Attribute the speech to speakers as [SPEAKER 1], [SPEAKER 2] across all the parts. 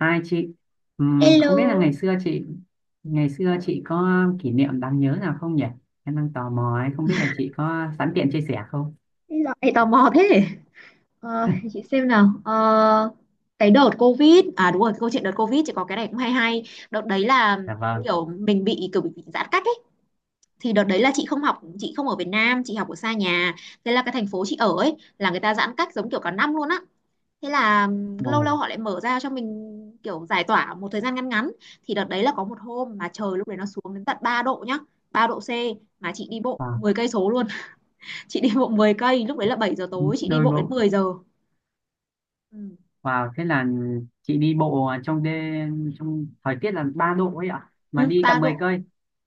[SPEAKER 1] Hai chị, không biết là
[SPEAKER 2] Hello.
[SPEAKER 1] ngày xưa chị có kỷ niệm đáng nhớ nào không nhỉ? Em đang tò mò ấy, không biết là chị có sẵn tiện chia sẻ không?
[SPEAKER 2] Lại tò mò thế. Ờ, để chị xem nào. Ờ, cái đợt Covid, à đúng rồi, câu chuyện đợt Covid chỉ có cái này cũng hay hay. Đợt đấy là
[SPEAKER 1] Dạ vâng.
[SPEAKER 2] kiểu mình bị, giãn cách ấy. Thì đợt đấy là chị không học, chị không ở Việt Nam, chị học ở xa nhà. Thế là cái thành phố chị ở ấy là người ta giãn cách giống kiểu cả năm luôn á. Thế là lâu
[SPEAKER 1] Ồ,
[SPEAKER 2] lâu họ lại mở ra cho mình kiểu giải tỏa một thời gian ngắn ngắn. Thì đợt đấy là có một hôm mà trời lúc đấy nó xuống đến tận 3 độ nhá, ba độ C mà chị đi bộ
[SPEAKER 1] wow.
[SPEAKER 2] 10 cây số, chị đi bộ 10 cây lúc đấy là 7 giờ tối, chị đi
[SPEAKER 1] Đôi
[SPEAKER 2] bộ đến
[SPEAKER 1] bộ.
[SPEAKER 2] mười giờ. Ừ.
[SPEAKER 1] Wow, thế là chị đi bộ trong đêm trong thời tiết là 3 độ ấy ạ, mà
[SPEAKER 2] Ừ,
[SPEAKER 1] đi
[SPEAKER 2] ba
[SPEAKER 1] tầm
[SPEAKER 2] độ,
[SPEAKER 1] 10 cây.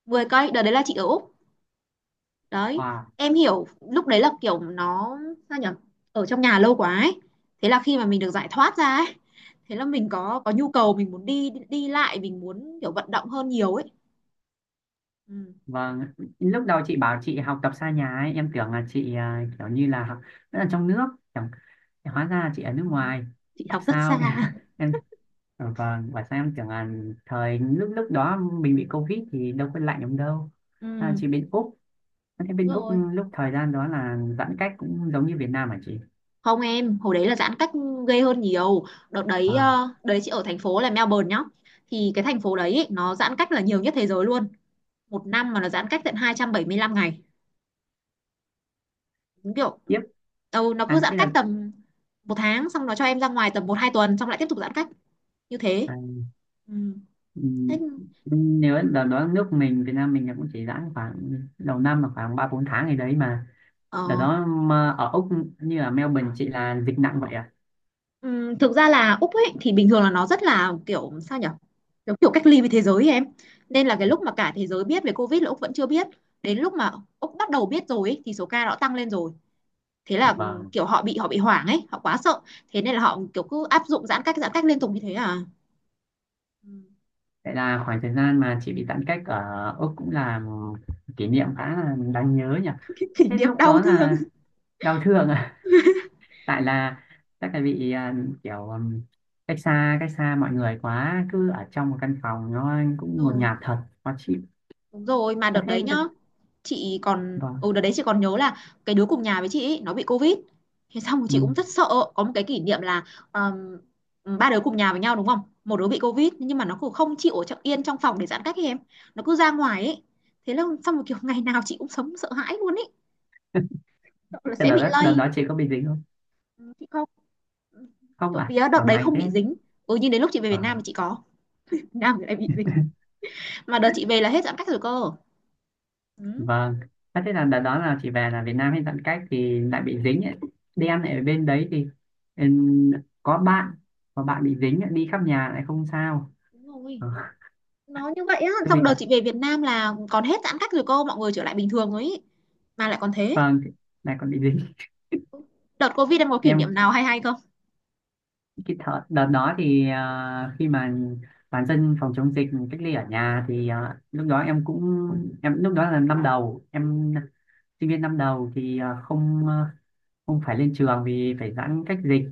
[SPEAKER 2] 10 cây. Đợt đấy là chị ở Úc đấy.
[SPEAKER 1] Wow.
[SPEAKER 2] Em hiểu lúc đấy là kiểu nó sao nhỉ, ở trong nhà lâu quá ấy. Thế là khi mà mình được giải thoát ra ấy, thế là mình có nhu cầu, mình muốn đi đi lại, mình muốn kiểu vận động hơn nhiều ấy. Ừ.
[SPEAKER 1] Vâng, lúc đầu chị bảo chị học tập xa nhà ấy, em tưởng là chị à, kiểu như là học rất là trong nước, chẳng hóa ra chị ở nước ngoài.
[SPEAKER 2] Chị
[SPEAKER 1] Học
[SPEAKER 2] học rất
[SPEAKER 1] sao?
[SPEAKER 2] xa.
[SPEAKER 1] Em Ờ, Vâng, và sao em
[SPEAKER 2] Ừ.
[SPEAKER 1] tưởng là thời lúc lúc đó mình bị Covid thì đâu có lạnh lắm đâu. À,
[SPEAKER 2] Ừ.
[SPEAKER 1] chỉ bên Úc, thế
[SPEAKER 2] Đúng
[SPEAKER 1] bên Úc
[SPEAKER 2] rồi.
[SPEAKER 1] lúc thời gian đó là giãn cách cũng giống như Việt Nam hả chị?
[SPEAKER 2] Không, em hồi đấy là giãn cách ghê hơn nhiều. Đợt đấy
[SPEAKER 1] Wow,
[SPEAKER 2] đấy chị ở thành phố là Melbourne nhá. Thì cái thành phố đấy ý, nó giãn cách là nhiều nhất thế giới luôn, một năm mà nó giãn cách tận 275 ngày, đúng kiểu.
[SPEAKER 1] tiếp,
[SPEAKER 2] Ừ, nó cứ
[SPEAKER 1] à,
[SPEAKER 2] giãn
[SPEAKER 1] thế
[SPEAKER 2] cách
[SPEAKER 1] là
[SPEAKER 2] tầm một tháng, xong nó cho em ra ngoài tầm một hai tuần, xong lại tiếp tục giãn cách như thế.
[SPEAKER 1] à,
[SPEAKER 2] Ừ.
[SPEAKER 1] ừm,
[SPEAKER 2] Thế.
[SPEAKER 1] nếu đợt đó nước mình, Việt Nam mình là cũng chỉ giãn khoảng đầu năm là khoảng ba bốn tháng gì đấy mà. Đợt
[SPEAKER 2] ờ,
[SPEAKER 1] đó mà ở Úc như ở Melbourne chị là dịch nặng vậy à?
[SPEAKER 2] ừ, thực ra là Úc ấy thì bình thường là nó rất là kiểu sao nhở, kiểu, kiểu cách ly với thế giới ấy em. Nên là cái lúc mà cả thế giới biết về Covid là Úc vẫn chưa biết. Đến lúc mà Úc bắt đầu biết rồi ấy, thì số ca nó tăng lên rồi. Thế là
[SPEAKER 1] Vâng,
[SPEAKER 2] kiểu họ bị hoảng ấy, họ quá sợ. Thế nên là họ kiểu cứ áp dụng giãn cách liên tục như thế à. Ừ.
[SPEAKER 1] vậy là khoảng thời gian mà chị bị giãn cách ở Úc cũng là kỷ niệm khá là đáng nhớ nhỉ?
[SPEAKER 2] Cái kỷ
[SPEAKER 1] Thế
[SPEAKER 2] niệm
[SPEAKER 1] lúc
[SPEAKER 2] đau
[SPEAKER 1] đó
[SPEAKER 2] thương.
[SPEAKER 1] là đau thương à tại là chắc là bị à, kiểu cách xa mọi người quá cứ ở trong một căn phòng nó cũng ngột
[SPEAKER 2] Rồi.
[SPEAKER 1] ngạt thật khó chịu
[SPEAKER 2] Đúng rồi, mà
[SPEAKER 1] à,
[SPEAKER 2] đợt đấy nhá, chị còn
[SPEAKER 1] vâng
[SPEAKER 2] ừ đợt đấy chị còn nhớ là cái đứa cùng nhà với chị ấy, nó bị covid. Thế xong rồi chị cũng
[SPEAKER 1] ừ.
[SPEAKER 2] rất sợ. Có một cái kỷ niệm là ờm, ba đứa cùng nhà với nhau đúng không, một đứa bị covid nhưng mà nó cũng không chịu ở yên trong phòng để giãn cách ấy em. Nó cứ ra ngoài ấy, thế là xong rồi kiểu ngày nào chị cũng sống sợ hãi luôn ấy, sợ là
[SPEAKER 1] Thế
[SPEAKER 2] sẽ
[SPEAKER 1] đợt
[SPEAKER 2] bị
[SPEAKER 1] đó đợt
[SPEAKER 2] lây.
[SPEAKER 1] đó chị có bị dính không
[SPEAKER 2] Ừ, chị không.
[SPEAKER 1] không
[SPEAKER 2] Trộm
[SPEAKER 1] à
[SPEAKER 2] vía
[SPEAKER 1] ở
[SPEAKER 2] đợt đấy
[SPEAKER 1] may
[SPEAKER 2] không
[SPEAKER 1] thế
[SPEAKER 2] bị dính. Ừ, nhưng đến lúc chị về
[SPEAKER 1] Ờ,
[SPEAKER 2] Việt Nam thì chị có. Việt Nam thì lại bị dính, mà đợt chị về là hết giãn cách rồi cơ. Ừ,
[SPEAKER 1] vâng à, thế là đợt đó là chị về là Việt Nam hay tận cách thì lại bị dính ấy. Đi ăn ở bên đấy thì ừm, có bạn có bạn bị dính ấy, đi khắp nhà lại không sao
[SPEAKER 2] đúng rồi,
[SPEAKER 1] Ờ,
[SPEAKER 2] nó như vậy á. Xong
[SPEAKER 1] xui
[SPEAKER 2] đợt
[SPEAKER 1] thật
[SPEAKER 2] chị về Việt Nam là còn hết giãn cách rồi cô, mọi người trở lại bình thường rồi ý. Mà lại còn thế.
[SPEAKER 1] vâng lại còn bị dính
[SPEAKER 2] Đợt Covid em có kỷ niệm
[SPEAKER 1] em
[SPEAKER 2] nào hay hay không?
[SPEAKER 1] cái thợ, đợt đó thì à, khi mà bản dân phòng chống dịch cách ly ở nhà thì à, lúc đó em cũng em lúc đó là năm đầu em sinh viên năm đầu thì à, không phải lên trường vì phải giãn cách dịch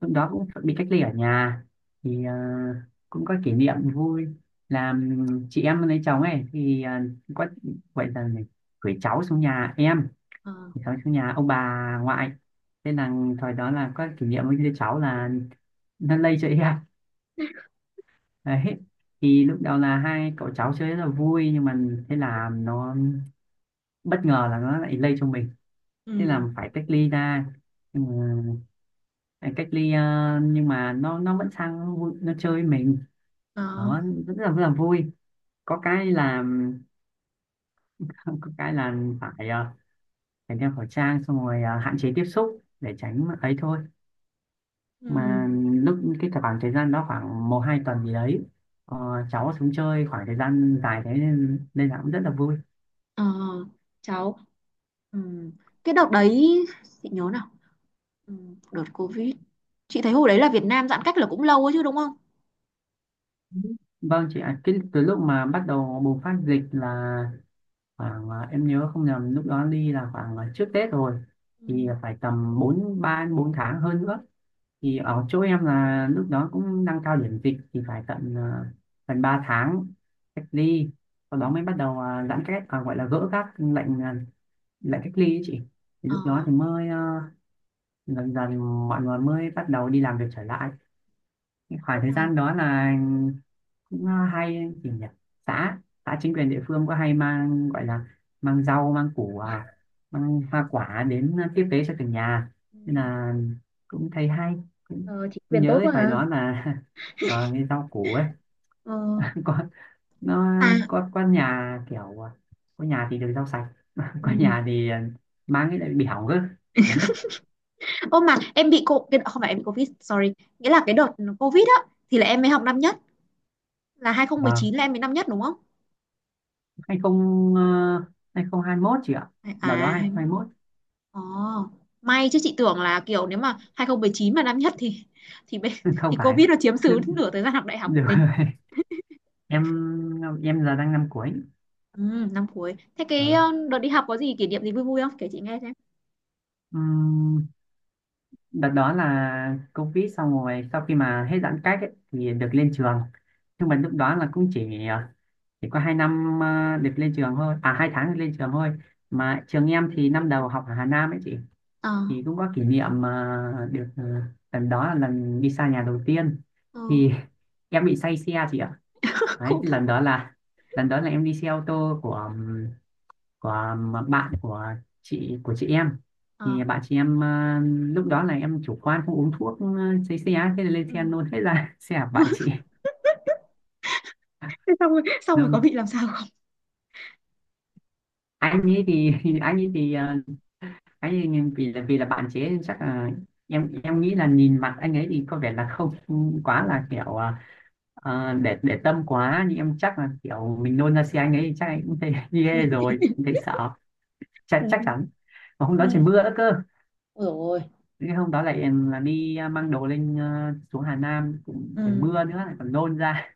[SPEAKER 1] lúc đó cũng bị cách ly ở nhà thì à, cũng có kỷ niệm vui là chị em lấy chồng ấy thì à, có gọi là gì? gửi cháu xuống nhà em
[SPEAKER 2] Ờ.
[SPEAKER 1] gửi cháu xuống nhà ông bà ngoại thế là thời đó là có kỷ niệm với đứa cháu là nó lây cho em Đấy. Thì lúc đầu là hai cậu cháu chơi rất là vui nhưng mà thế là nó bất ngờ là nó lại lây cho mình thế là
[SPEAKER 2] Ừ.
[SPEAKER 1] phải cách ly ra ừ, phải cách ly nhưng mà nó vẫn sang nó vui, nó chơi với mình
[SPEAKER 2] Đó.
[SPEAKER 1] đó rất là vui có cái là có cái là phải ờ, phải đeo khẩu trang xong rồi hạn chế tiếp xúc để tránh ấy thôi
[SPEAKER 2] Ừ.
[SPEAKER 1] mà lúc cái khoảng thời gian đó khoảng một hai tuần gì đấy ờ, cháu xuống chơi khoảng thời gian dài thế nên nên là cũng rất là vui
[SPEAKER 2] Ờ. Cháu. Ừ. Cái đợt đấy chị nhớ nào. Ừ. Đợt Covid, chị thấy hồi đấy là Việt Nam giãn cách là cũng lâu ấy chứ đúng không?
[SPEAKER 1] Vâng chị ạ, cái từ lúc mà bắt đầu bùng phát dịch là khoảng à, em nhớ không nhầm lúc đó đi là khoảng à, trước Tết rồi thì
[SPEAKER 2] Ừ.
[SPEAKER 1] phải tầm 4 3 4 tháng hơn nữa. Thì ở chỗ em là lúc đó cũng đang cao điểm dịch thì phải tận à, gần 3 tháng cách ly. Sau
[SPEAKER 2] Ừ.
[SPEAKER 1] đó mới bắt đầu à, giãn cách à, gọi là gỡ các lệnh à, lệnh cách ly ấy chị. Thì
[SPEAKER 2] Ờ.
[SPEAKER 1] lúc đó thì mới à, dần dần mọi người mới bắt đầu đi làm việc trở lại
[SPEAKER 2] Ô
[SPEAKER 1] khoảng thời
[SPEAKER 2] mà.
[SPEAKER 1] gian đó là cũng à, hay gì nhỉ xã xã chính quyền địa phương có hay mang gọi là mang rau mang củ à, mang hoa quả đến tiếp tế cho từng nhà
[SPEAKER 2] Ừ.
[SPEAKER 1] nên là cũng thấy hay cũng
[SPEAKER 2] Ờ, chị quyền
[SPEAKER 1] nhớ
[SPEAKER 2] tốt
[SPEAKER 1] cái
[SPEAKER 2] quá
[SPEAKER 1] thời
[SPEAKER 2] hả.
[SPEAKER 1] đó là và cái rau củ ấy
[SPEAKER 2] Ờ.
[SPEAKER 1] có nó
[SPEAKER 2] Mà.
[SPEAKER 1] có nhà kiểu à, có nhà thì được rau sạch có
[SPEAKER 2] Ừ.
[SPEAKER 1] nhà thì à, mang cái lại bị hỏng cơ đấy
[SPEAKER 2] Ô mà em bị không phải em bị Covid sorry, nghĩa là cái đợt Covid á thì là em mới học năm nhất, là
[SPEAKER 1] và
[SPEAKER 2] 2019 là em mới năm nhất đúng không?
[SPEAKER 1] hai không à, 2021 chị ạ đợt đó
[SPEAKER 2] À
[SPEAKER 1] hai không hai
[SPEAKER 2] 21.
[SPEAKER 1] mốt
[SPEAKER 2] Ồ, may chứ chị tưởng là kiểu nếu mà 2019 mà năm nhất thì thì bên-
[SPEAKER 1] không
[SPEAKER 2] thì
[SPEAKER 1] phải
[SPEAKER 2] Covid nó chiếm xứ
[SPEAKER 1] được,
[SPEAKER 2] nửa thời gian học đại học của
[SPEAKER 1] được
[SPEAKER 2] mình.
[SPEAKER 1] em em giờ đang năm cuối
[SPEAKER 2] Ừ, năm cuối. Thế
[SPEAKER 1] Ờ.
[SPEAKER 2] cái đợt đi học có gì kỷ niệm gì vui vui không? Kể chị nghe xem.
[SPEAKER 1] Ừm, Đợt đó là Covid xong rồi sau khi mà hết giãn cách ấy, thì được lên trường nhưng mà lúc đó là cũng chỉ ờ, chỉ có 2 năm được lên trường thôi à 2 tháng được lên trường thôi mà trường em thì năm đầu học ở Hà Nam ấy chị
[SPEAKER 2] Ờ.
[SPEAKER 1] thì cũng có kỷ niệm mà được ờ, lần đó là lần đi xa nhà đầu tiên
[SPEAKER 2] Ờ.
[SPEAKER 1] thì em bị say xe chị ạ đấy
[SPEAKER 2] Khổ
[SPEAKER 1] cái
[SPEAKER 2] thật.
[SPEAKER 1] lần đó là em đi xe ô tô của à, bạn của chị em
[SPEAKER 2] Ờ.
[SPEAKER 1] thì bạn chị em ờ, lúc đó là em chủ quan không uống thuốc sấy xe á, thế là lên xe
[SPEAKER 2] Ừ.
[SPEAKER 1] nôn hết ra xe của bạn chị
[SPEAKER 2] Thế xong rồi
[SPEAKER 1] nôn
[SPEAKER 2] có bị làm sao không?
[SPEAKER 1] anh ấy thì anh ấy thì ờ, vì là bạn chế chắc là em nghĩ là nhìn mặt anh ấy thì có vẻ là không quá là kiểu ờ, để tâm quá nhưng em chắc là kiểu mình nôn ra xe anh ấy thì chắc anh cũng thấy ghê rồi cũng thấy sợ
[SPEAKER 2] Ừ.
[SPEAKER 1] chắc chắc chắn mà hôm
[SPEAKER 2] Ừ.
[SPEAKER 1] đó trời mưa đó cơ
[SPEAKER 2] Ôi dồi ôi.
[SPEAKER 1] Thế hôm đó lại là đi à, mang đồ lên à, xuống Hà Nam cũng
[SPEAKER 2] Ừ.
[SPEAKER 1] trời mưa nữa lại còn nôn ra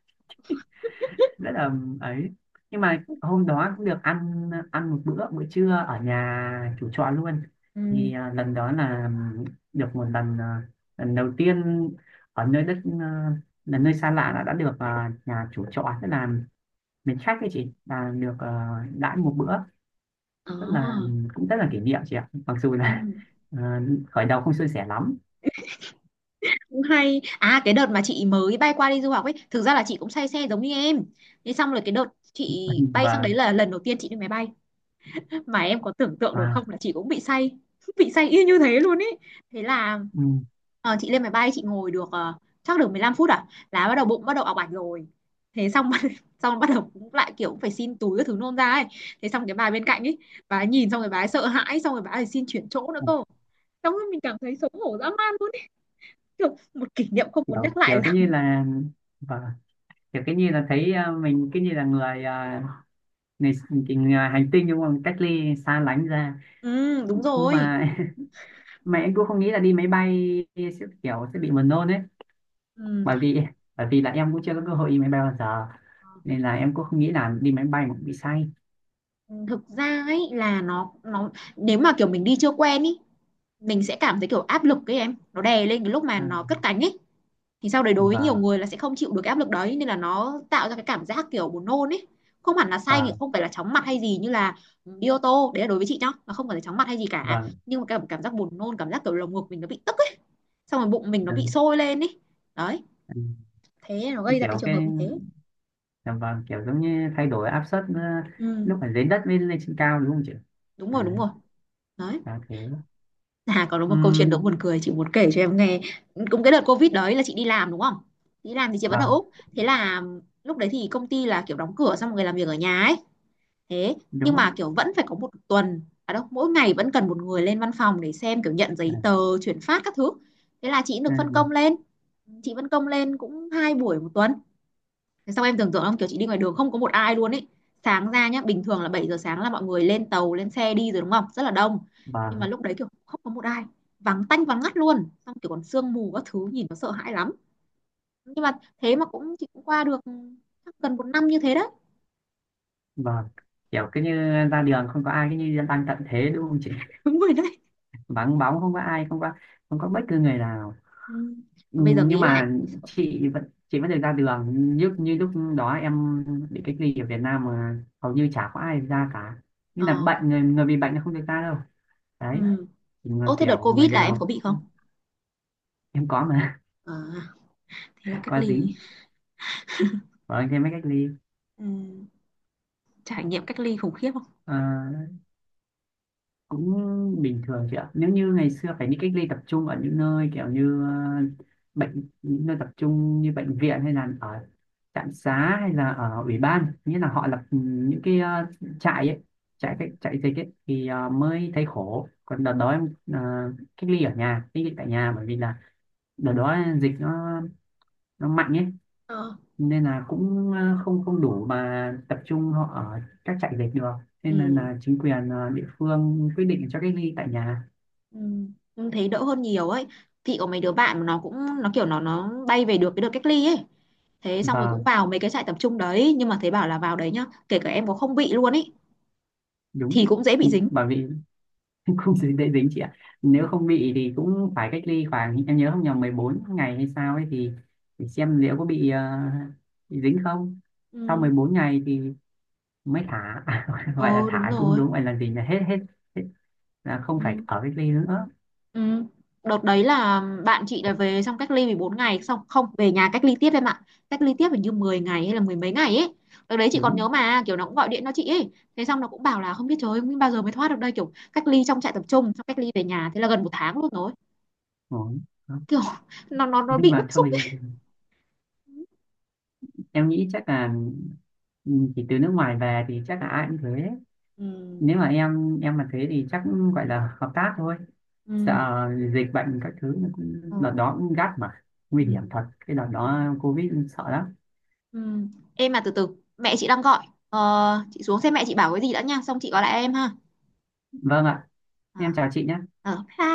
[SPEAKER 1] rất là ấy nhưng mà hôm đó cũng được ăn ăn một bữa bữa trưa ở nhà chủ trọ luôn
[SPEAKER 2] Ừ.
[SPEAKER 1] thì à, lần đó là được một lần à, lần đầu tiên ở nơi đất à, là nơi xa lạ đã được à, nhà chủ trọ tức là mến khách ấy chị là được à, đãi một bữa
[SPEAKER 2] Ờ.
[SPEAKER 1] rất là cũng rất là kỷ niệm chị ạ mặc dù
[SPEAKER 2] Ừ.
[SPEAKER 1] là à, khởi đầu không suôn sẻ lắm
[SPEAKER 2] Cũng hay à, cái đợt mà chị mới bay qua đi du học ấy thực ra là chị cũng say xe giống như em. Thế xong rồi cái đợt chị bay sang
[SPEAKER 1] và
[SPEAKER 2] đấy là lần đầu tiên chị đi máy bay, mà em có tưởng tượng được
[SPEAKER 1] và
[SPEAKER 2] không là chị cũng bị say, bị say y như thế luôn ấy. Thế là
[SPEAKER 1] ừ.
[SPEAKER 2] chị lên máy bay, chị ngồi được chắc được 15 phút à là bắt đầu bụng bắt đầu ọc ạch rồi. Thế xong xong bắt đầu cũng lại kiểu cũng phải xin túi các thứ nôn ra ấy. Thế xong cái bà bên cạnh ấy, bà ấy nhìn xong rồi bà ấy sợ hãi, xong rồi bà ấy xin chuyển chỗ nữa
[SPEAKER 1] Ừ,
[SPEAKER 2] cơ, xong rồi mình cảm thấy xấu hổ dã man. Kiểu một kỷ niệm không muốn
[SPEAKER 1] kiểu
[SPEAKER 2] nhắc lại
[SPEAKER 1] kiểu cái
[SPEAKER 2] lắm.
[SPEAKER 1] như là vâng, kiểu cái như là thấy à, mình cái như là người à, người, cái người hành tinh đúng không cách ly xa lánh ra
[SPEAKER 2] Ừ, đúng rồi.
[SPEAKER 1] mà mà em cũng không nghĩ là đi máy bay sẽ kiểu sẽ bị buồn nôn ấy
[SPEAKER 2] Ừ.
[SPEAKER 1] bởi vì bởi vì là em cũng chưa có cơ hội đi máy bay bao giờ nên là em cũng không nghĩ là đi máy bay mà cũng bị say
[SPEAKER 2] Ừ, thực ra ấy là nó nếu mà kiểu mình đi chưa quen ý, mình sẽ cảm thấy kiểu áp lực ấy em, nó đè lên cái lúc mà
[SPEAKER 1] à,
[SPEAKER 2] nó cất cánh ấy. Thì sau đấy đối với nhiều
[SPEAKER 1] vâng
[SPEAKER 2] người là sẽ không chịu được cái áp lực đấy nên là nó tạo ra cái cảm giác kiểu buồn nôn ấy. Không hẳn là say thì
[SPEAKER 1] vâng
[SPEAKER 2] không phải là chóng mặt hay gì, như là ừ, đi ô tô. Đấy là đối với chị nhá, nó không phải là chóng mặt hay gì cả.
[SPEAKER 1] vâng
[SPEAKER 2] Nhưng mà cảm cảm giác buồn nôn, cảm giác kiểu lồng ngực mình nó bị tức ấy, xong rồi bụng mình nó bị
[SPEAKER 1] ừ,
[SPEAKER 2] sôi lên ấy. Đấy, thế nó
[SPEAKER 1] ừ.
[SPEAKER 2] gây ra cái
[SPEAKER 1] Kiểu
[SPEAKER 2] trường hợp
[SPEAKER 1] cái
[SPEAKER 2] như thế.
[SPEAKER 1] dạ vâng kiểu giống như thay đổi áp suất
[SPEAKER 2] Ừ.
[SPEAKER 1] lúc ở dưới đất với lên trên cao đúng không chị
[SPEAKER 2] Đúng
[SPEAKER 1] à,
[SPEAKER 2] rồi, đúng rồi. Đấy.
[SPEAKER 1] à
[SPEAKER 2] À còn có một câu chuyện đố
[SPEAKER 1] thế
[SPEAKER 2] buồn cười chị muốn kể cho em nghe. Cũng cái đợt covid đấy là chị đi làm đúng không, đi làm thì chị vẫn ở
[SPEAKER 1] vâng
[SPEAKER 2] úc. Thế là lúc đấy thì công ty là kiểu đóng cửa, xong mọi người làm việc ở nhà ấy. Thế nhưng
[SPEAKER 1] đúng á
[SPEAKER 2] mà kiểu vẫn phải có một tuần à đâu mỗi ngày vẫn cần một người lên văn phòng để xem kiểu nhận
[SPEAKER 1] Ừ,
[SPEAKER 2] giấy tờ chuyển phát các thứ. Thế là chị được phân
[SPEAKER 1] ừ,
[SPEAKER 2] công lên, chị phân công lên cũng hai buổi một tuần. Thế xong em tưởng tượng không, kiểu chị đi ngoài đường không có một ai luôn ấy. Sáng ra nhá, bình thường là 7 giờ sáng là mọi người lên tàu, lên xe đi rồi đúng không? Rất là đông. Nhưng mà
[SPEAKER 1] vâng
[SPEAKER 2] lúc đấy kiểu không có một ai, vắng tanh vắng ngắt luôn. Xong kiểu còn sương mù các thứ nhìn nó sợ hãi lắm. Nhưng mà thế mà chị cũng qua được, chắc gần một năm như thế đấy.
[SPEAKER 1] vâng kiểu cứ như ra đường không có ai cứ như đang tận thế đúng không chị
[SPEAKER 2] Đúng rồi đấy.
[SPEAKER 1] vắng bóng không có ai không có bất cứ người nào
[SPEAKER 2] Ừ.
[SPEAKER 1] Ừ,
[SPEAKER 2] Mà bây giờ
[SPEAKER 1] nhưng
[SPEAKER 2] nghĩ lại
[SPEAKER 1] mà
[SPEAKER 2] thì sợ.
[SPEAKER 1] chị vẫn được ra đường như như lúc đó em bị cách ly ở Việt Nam mà hầu như chả có ai ra cả như
[SPEAKER 2] Ờ.
[SPEAKER 1] là người người bị bệnh là không được ra đâu đấy
[SPEAKER 2] Ừ.
[SPEAKER 1] Chỉ người
[SPEAKER 2] Ô thế đợt
[SPEAKER 1] kiểu người
[SPEAKER 2] Covid là em có
[SPEAKER 1] nào
[SPEAKER 2] bị không?
[SPEAKER 1] em có mà
[SPEAKER 2] À, thế là cách
[SPEAKER 1] có
[SPEAKER 2] ly.
[SPEAKER 1] dính ở trên mấy cách ly
[SPEAKER 2] Ừ. Trải nghiệm cách ly khủng khiếp không?
[SPEAKER 1] Ờ, cũng bình thường chị ạ nếu như ngày xưa phải đi cách ly tập trung ở những nơi kiểu như những nơi tập trung như bệnh viện hay là ở trạm xá hay là ở ủy ban nghĩa là họ lập ừ, những cái ờ, trại ấy
[SPEAKER 2] Ừ.
[SPEAKER 1] trại dịch ấy thì mới thấy khổ còn đợt đó em ờ, cách ly tại nhà bởi vì là đợt đó dịch nó mạnh ấy
[SPEAKER 2] Ờ.
[SPEAKER 1] nên là cũng ờ, không không đủ mà tập trung họ ở các trại dịch được nên là,
[SPEAKER 2] Ừ.
[SPEAKER 1] chính quyền ờ, địa phương quyết định cho cách ly tại nhà
[SPEAKER 2] Ừ. Em thấy đỡ hơn nhiều ấy. Chị có mấy đứa bạn mà nó cũng, nó kiểu nó bay về được cái đợt cách ly ấy. Thế xong rồi cũng
[SPEAKER 1] Vâng,
[SPEAKER 2] vào mấy cái trại tập trung đấy, nhưng mà thấy bảo là vào đấy nhá, kể cả em có không bị luôn ấy
[SPEAKER 1] đúng.
[SPEAKER 2] thì cũng dễ
[SPEAKER 1] Ừ,
[SPEAKER 2] bị dính.
[SPEAKER 1] Bởi vì không dễ dễ dính chị ạ.
[SPEAKER 2] Ừ.
[SPEAKER 1] Nếu không bị thì cũng phải cách ly khoảng, em nhớ không nhầm 14 ngày hay sao ấy thì để xem liệu có bị, ờ, bị dính không. Sau
[SPEAKER 2] Ừ.
[SPEAKER 1] 14 ngày thì mới thả, gọi là
[SPEAKER 2] Ừ. Đúng
[SPEAKER 1] thả chung
[SPEAKER 2] rồi.
[SPEAKER 1] đúng, gọi là gì là hết, hết là không
[SPEAKER 2] Ừ.
[SPEAKER 1] phải ở cách ly nữa.
[SPEAKER 2] Ừ. Đợt đấy là bạn chị là về xong cách ly 14 ngày, xong không, về nhà cách ly tiếp em ạ. Cách ly tiếp hình như 10 ngày hay là mười mấy ngày ấy. Đợt đấy chị còn
[SPEAKER 1] Đúng,
[SPEAKER 2] nhớ mà kiểu nó cũng gọi điện cho chị ấy, thế xong nó cũng bảo là không biết trời ơi, không biết bao giờ mới thoát được đây, kiểu cách ly trong trại tập trung xong cách ly về nhà thế là gần một tháng luôn rồi.
[SPEAKER 1] rồi. Đó.
[SPEAKER 2] Kiểu nó
[SPEAKER 1] Nhưng
[SPEAKER 2] bị bức
[SPEAKER 1] mà
[SPEAKER 2] xúc
[SPEAKER 1] thôi,
[SPEAKER 2] ấy.
[SPEAKER 1] em nghĩ chắc là ừ, chỉ từ nước ngoài về thì chắc là ai cũng thế.
[SPEAKER 2] Ừm.
[SPEAKER 1] Nếu mà em mà thế thì chắc gọi là hợp tác thôi.
[SPEAKER 2] Ừm.
[SPEAKER 1] Sợ dịch bệnh các thứ nó cũng
[SPEAKER 2] Ờ.
[SPEAKER 1] đợt đó cũng gắt mà nguy hiểm
[SPEAKER 2] Ừm.
[SPEAKER 1] thật cái đợt
[SPEAKER 2] Yeah.
[SPEAKER 1] đó covid sợ lắm
[SPEAKER 2] Em mà từ từ, mẹ chị đang gọi. Ờ, chị xuống xem mẹ chị bảo cái gì đã nha, xong chị gọi lại em ha.
[SPEAKER 1] vâng ạ
[SPEAKER 2] Ờ.
[SPEAKER 1] em chào chị nhé
[SPEAKER 2] Ờ, bye.